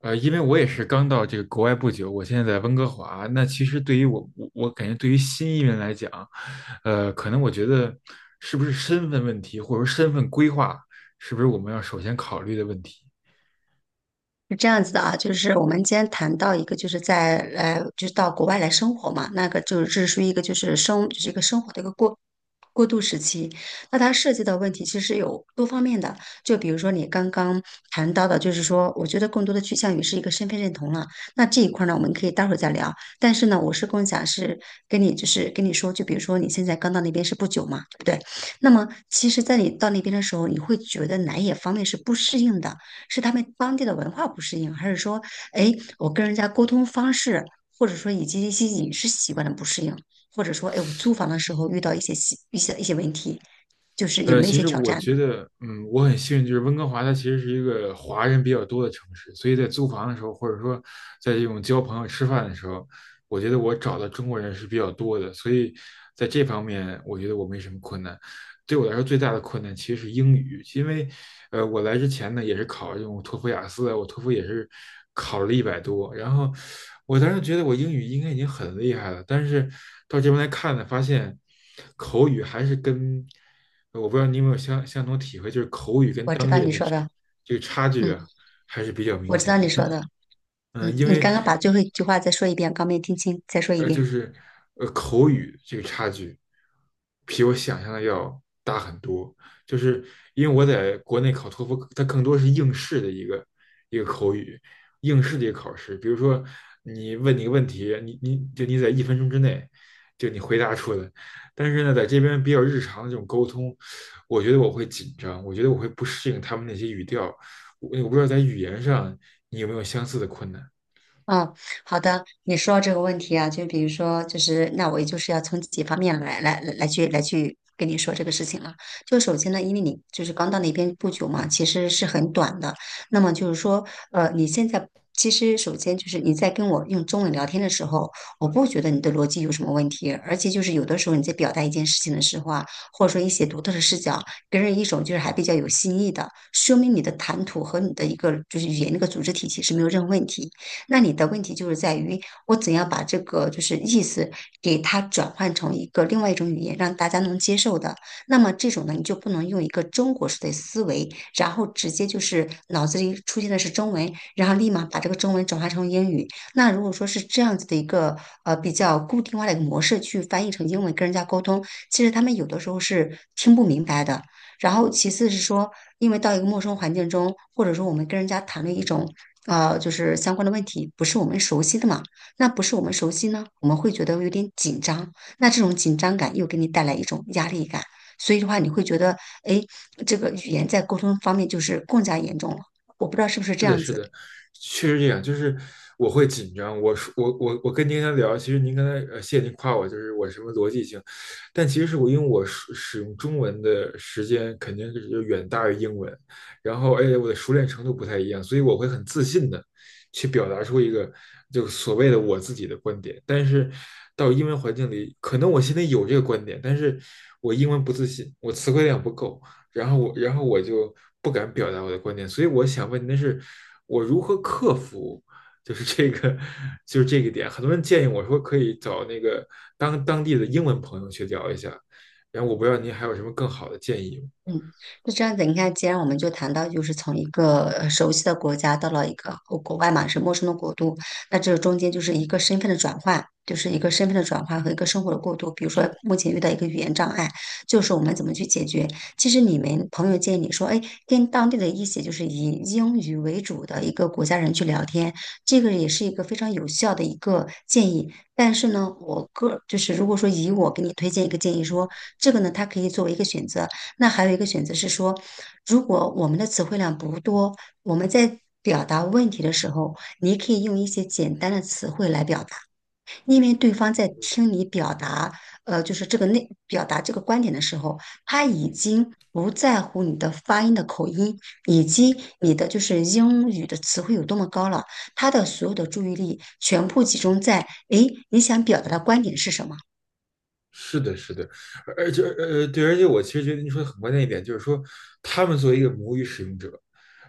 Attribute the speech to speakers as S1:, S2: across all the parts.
S1: 因为我也是刚到这个国外不久，我现在在温哥华。那其实对于我感觉对于新移民来讲，可能我觉得是不是身份问题，或者说身份规划，是不是我们要首先考虑的问题？
S2: 是这样子的啊，就是我们今天谈到一个，就是在就是到国外来生活嘛，那个就是这是属于一个就是一个生活的一个过渡时期。那它涉及到问题其实有多方面的，就比如说你刚刚谈到的，就是说，我觉得更多的趋向于是一个身份认同了。那这一块呢，我们可以待会儿再聊。但是呢，我是更想是跟你说，就比如说你现在刚到那边是不久嘛，对不对？那么其实，在你到那边的时候，你会觉得哪一方面是不适应的？是他们当地的文化不适应，还是说，哎，我跟人家沟通方式，或者说以及一些饮食习惯的不适应，或者说，哎，我租房的时候遇到一些习一些一些问题，就是有没有一
S1: 其
S2: 些
S1: 实
S2: 挑
S1: 我
S2: 战呢？
S1: 觉得，嗯，我很幸运，就是温哥华它其实是一个华人比较多的城市，所以在租房的时候，或者说在这种交朋友、吃饭的时候，我觉得我找的中国人是比较多的，所以在这方面，我觉得我没什么困难。对我来说最大的困难其实是英语，因为我来之前呢也是考这种托福、雅思啊，我托福也是考了一百多，然后我当时觉得我英语应该已经很厉害了，但是到这边来看呢，发现口语还是跟我不知道你有没有相同体会，就是口语跟
S2: 我知
S1: 当
S2: 道
S1: 这
S2: 你说的，
S1: 个差距啊
S2: 嗯，
S1: 还是比较明
S2: 我知
S1: 显
S2: 道你
S1: 的。
S2: 说的，嗯，
S1: 嗯，因
S2: 你
S1: 为
S2: 刚刚把最后一句话再说一遍，刚没听清，再说一
S1: 呃，就
S2: 遍。
S1: 是口语这个差距，比我想象的要大很多。就是因为我在国内考托福，它更多是应试的一个口语，应试的一个考试。比如说你问你个问题，你在一分钟之内就你回答出来。但是呢，在这边比较日常的这种沟通，我觉得我会紧张，我觉得我会不适应他们那些语调。我不知道在语言上你有没有相似的困难。
S2: 嗯，好的，你说到这个问题啊，就比如说，就是那我也就是要从几方面来跟你说这个事情了。就首先呢，因为你就是刚到那边不久嘛，其实是很短的。那么就是说，你现在其实首先就是你在跟我用中文聊天的时候，我不觉得你的逻辑有什么问题，而且就是有的时候你在表达一件事情的时候啊，或者说一些独特的视角，给人一种就是还比较有新意的，说明你的谈吐和你的一个就是语言那个组织体系是没有任何问题。那你的问题就是在于我怎样把这个就是意思给它转换成一个另外一种语言，让大家能接受的。那么这种呢，你就不能用一个中国式的思维，然后直接就是脑子里出现的是中文，然后立马把这个中文转化成英语。那如果说是这样子的一个比较固定化的一个模式去翻译成英文跟人家沟通，其实他们有的时候是听不明白的。然后其次是说，因为到一个陌生环境中，或者说我们跟人家谈论一种就是相关的问题，不是我们熟悉的嘛，那不是我们熟悉呢，我们会觉得有点紧张，那这种紧张感又给你带来一种压力感，所以的话，你会觉得，哎，这个语言在沟通方面就是更加严重了。我不知道是不是
S1: 是
S2: 这
S1: 的，
S2: 样
S1: 是
S2: 子。
S1: 的，确实这样。就是我会紧张。我说我跟您刚才聊，其实您刚才谢谢您夸我，就是我什么逻辑性，但其实是我因为我使用中文的时间肯定是就远大于英文，然后而且我的熟练程度不太一样，所以我会很自信的去表达出一个就所谓的我自己的观点。但是到英文环境里，可能我心里有这个观点，但是我英文不自信，我词汇量不够，然后我就不敢表达我的观点，所以我想问您的是，我如何克服，就是这个，就是这个点。很多人建议我说可以找那个当地的英文朋友去聊一下，然后我不知道您还有什么更好的建议吗？
S2: 嗯，那这样子。你看，既然我们就谈到，就是从一个熟悉的国家到了一个国外嘛，是陌生的国度，那这中间就是一个身份的转换，就是一个身份的转换和一个生活的过渡。比如说，目前遇到一个语言障碍，就是我们怎么去解决？其实你们朋友建议你说，哎，跟当地的一些就是以英语为主的一个国家人去聊天，这个也是一个非常有效的一个建议。但是呢，我个就是如果说以我给你推荐一个建议说，这个呢，它可以作为一个选择。那还有一个选择是说，如果我们的词汇量不多，我们在表达问题的时候，你可以用一些简单的词汇来表达，因为对方在
S1: 嗯
S2: 听你表达，就是这个内表达这个观点的时候，他已经不在乎你的发音的口音，以及你的就是英语的词汇有多么高了，他的所有的注意力全部集中在，诶，你想表达的观点是什么？
S1: 是的，是的，而且对，而且我其实觉得您说的很关键一点，就是说他们作为一个母语使用者，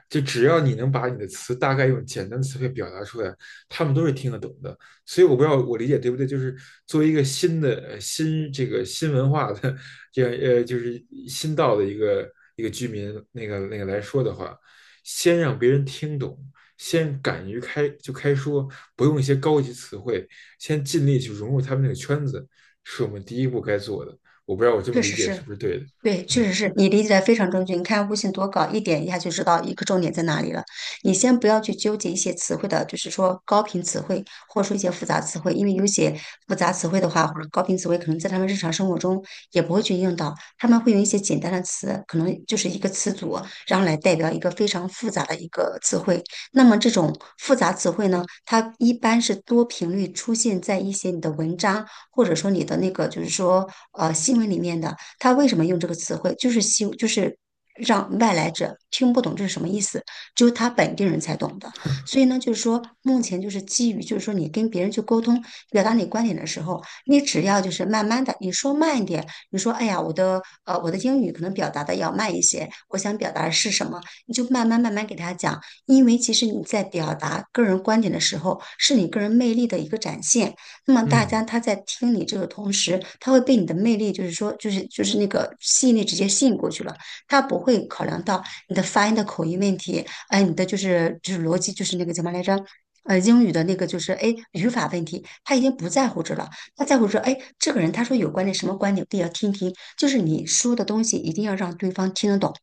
S1: 就只要你能把你的词大概用简单的词汇表达出来，他们都是听得懂的。所以我不知道我理解对不对，就是作为一个新的新文化的这样就是新到的一个居民那个来说的话，先让别人听懂，先敢于开说，不用一些高级词汇，先尽力去融入他们那个圈子，是我们第一步该做的。我不知道我这么
S2: 确
S1: 理
S2: 实
S1: 解是
S2: 是，
S1: 不是对的？
S2: 对，确实是你理解的非常正确。你看，悟性多高，一点一下就知道一个重点在哪里了。你先不要去纠结一些词汇的，就是说高频词汇，或者说一些复杂词汇，因为有些复杂词汇的话，或者高频词汇，可能在他们日常生活中也不会去用到，他们会用一些简单的词，可能就是一个词组，然后来代表一个非常复杂的一个词汇。那么这种复杂词汇呢，它一般是多频率出现在一些你的文章。或者说你的那个就是说新闻里面的，他为什么用这个词汇，就是希就是让外来者听不懂这是什么意思，只有他本地人才懂的。所以呢，就是说目前就是基于就是说你跟别人去沟通、表达你观点的时候，你只要就是慢慢的，你说慢一点，你说哎呀我的英语可能表达的要慢一些，我想表达的是什么，你就慢慢给他讲，因为其实你在表达个人观点的时候，是你个人魅力的一个展现。那么大
S1: 嗯。
S2: 家他在听你这个同时，他会被你的魅力，就是那个吸引力直接吸引过去了。他不会考量到你的发音的口音问题，哎，你的逻辑，就是那个叫什么来着？英语的那个就是哎语法问题，他已经不在乎这了，他在乎说，哎，这个人他说有观点什么观点，我也要听听，就是你说的东西一定要让对方听得懂，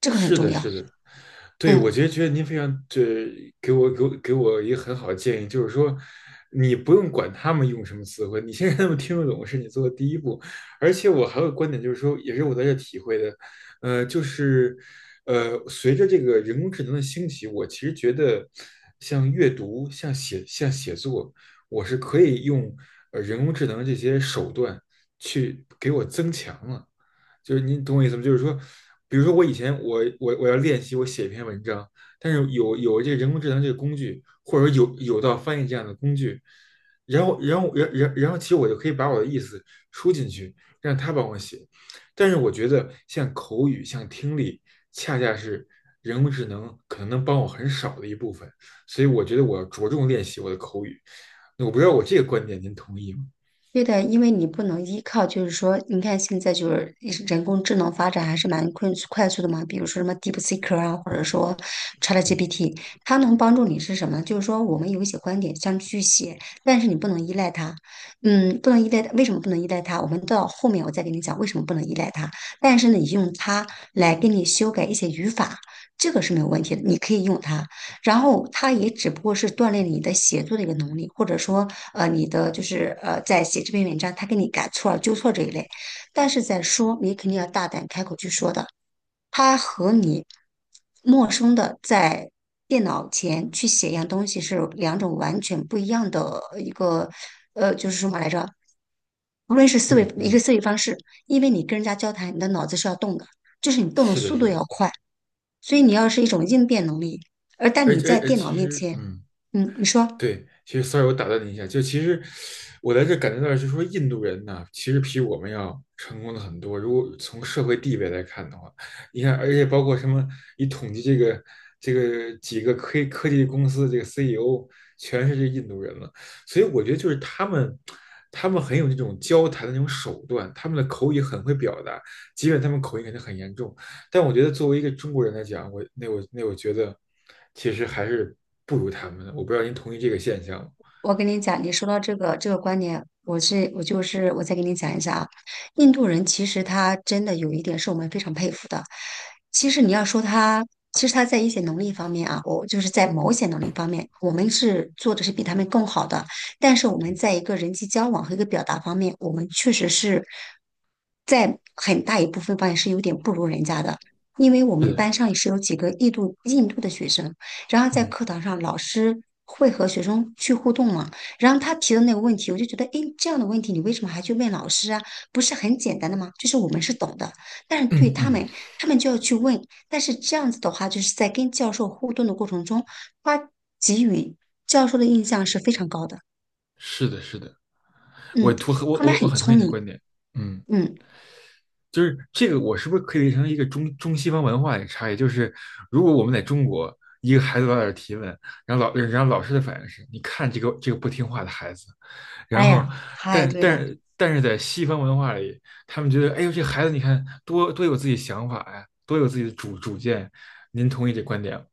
S2: 这个很
S1: 是
S2: 重
S1: 的，
S2: 要。
S1: 是的，对，我
S2: 嗯。
S1: 觉得您非常这给我一个很好的建议，就是说，你不用管他们用什么词汇，你先 让他们听得懂是你做的第一步。而且我还有个观点，就是说，也是我在这体会的，呃，就是随着这个人工智能的兴起，我其实觉得像阅读、像写、像写作，我是可以用人工智能这些手段去给我增强了。就是您懂我意思吗？就是说，比如说我以前我要练习我写一篇文章，但是有这个人工智能这个工具，或者说有道翻译这样的工具，然后其实我就可以把我的意思输进去，让他帮我写。但是我觉得像口语、像听力，恰恰是人工智能可能能帮我很少的一部分，所以我觉得我要着重练习我的口语。那我不知道我这个观点您同意吗？
S2: 对的，因为你不能依靠，就是说，你看现在就是人工智能发展还是蛮快速的嘛，比如说什么 DeepSeek 啊，或者说
S1: 嗯
S2: ChatGPT，它能帮助你是什么呢？就是说我们有一些观点想去写，但是你不能依赖它，嗯，不能依赖它。为什么不能依赖它？我们到后面我再给你讲为什么不能依赖它。但是呢，你用它来给你修改一些语法，这个是没有问题的，你可以用它。然后它也只不过是锻炼你的写作的一个能力，或者说你的在写这篇文章，他给你改错了、纠错这一类。但是在说，你肯定要大胆开口去说的。它和你陌生的在电脑前去写一样东西是两种完全不一样的一个就是什么来着？无论是
S1: 嗯嗯，
S2: 思维方式，因为你跟人家交谈，你的脑子是要动的，就是你动的
S1: 是的，
S2: 速
S1: 是
S2: 度
S1: 的，
S2: 要快，所以你要是一种应变能力。而但
S1: 而
S2: 你
S1: 且
S2: 在
S1: 而而
S2: 电
S1: 其
S2: 脑面
S1: 实
S2: 前，
S1: 嗯。
S2: 嗯，你说，
S1: 对，其实 sorry，我打断你一下，就其实我在这感觉到，就是说印度人呢，其实比我们要成功的很多。如果从社会地位来看的话，你看，而且包括什么，你统计这个这个几个科技公司的这个 CEO，全是这印度人了。所以我觉得就是他们，他们很有这种交谈的那种手段，他们的口语很会表达，即便他们口音肯定很严重，但我觉得作为一个中国人来讲，我觉得其实还是不如他们的。我不知道您同意这个现象吗？
S2: 我跟你讲，你说到这个这个观点，我是我就是我再给你讲一下啊。印度人其实他真的有一点是我们非常佩服的。其实你要说他，其实他在一些能力方面啊，我就是在某些能力方面，我们是做的是比他们更好的。但是我们在一个人际交往和一个表达方面，我们确实是在很大一部分方面是有点不如人家的。因为我
S1: 是
S2: 们
S1: 的，是，
S2: 班上也是有几个印度的学生，然后在
S1: 嗯
S2: 课堂上，老师会和学生去互动嘛？然后他提的那个问题，我就觉得，诶，这样的问题你为什么还去问老师啊？不是很简单的吗？就是我们是懂的，但是对
S1: 嗯
S2: 他
S1: 嗯，
S2: 们，他们就要去问。但是这样子的话，就是在跟教授互动的过程中，他给予教授的印象是非常高的。
S1: 是的，是的，
S2: 嗯，他们
S1: 我
S2: 很
S1: 很同意
S2: 聪
S1: 你的
S2: 明。
S1: 观点。嗯，
S2: 嗯，
S1: 就是这个我是不是可以理解成一个中西方文化的差异？就是如果我们在中国，一个孩子老在这儿提问，然后老师的反应是，你看这个不听话的孩子，然
S2: 哎
S1: 后，
S2: 呀，太
S1: 但
S2: 对了。
S1: 但但是在西方文化里，他们觉得，哎呦，这孩子你看多有自己想法呀，多有自己的主见。您同意这观点吗？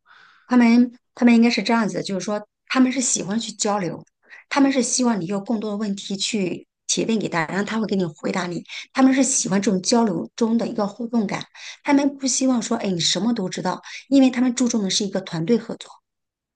S2: 他们应该是这样子，就是说他们是喜欢去交流，他们是希望你有更多的问题去提问给他，然后他会给你回答你。他们是喜欢这种交流中的一个互动感，他们不希望说，哎，你什么都知道，因为他们注重的是一个团队合作。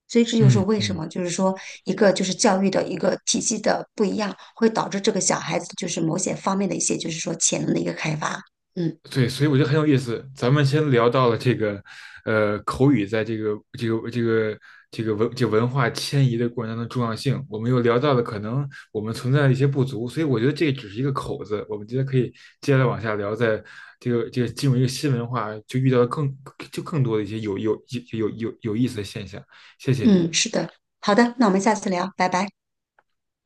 S2: 所以这就是
S1: 嗯
S2: 为什
S1: 嗯。
S2: 么，就是说一个就是教育的一个体系的不一样，会导致这个小孩子就是某些方面的一些就是说潜能的一个开发。嗯
S1: 对，所以我觉得很有意思。咱们先聊到了这个，口语在这个这个这个这个文这个文化迁移的过程当中的重要性，我们又聊到了可能我们存在的一些不足，所以我觉得这只是一个口子。我们觉得可以接下来往下聊，在这个进入一个新文化，就遇到了更多的一些有意思的现象。谢谢您。
S2: 嗯，是的，好的，那我们下次聊，拜拜。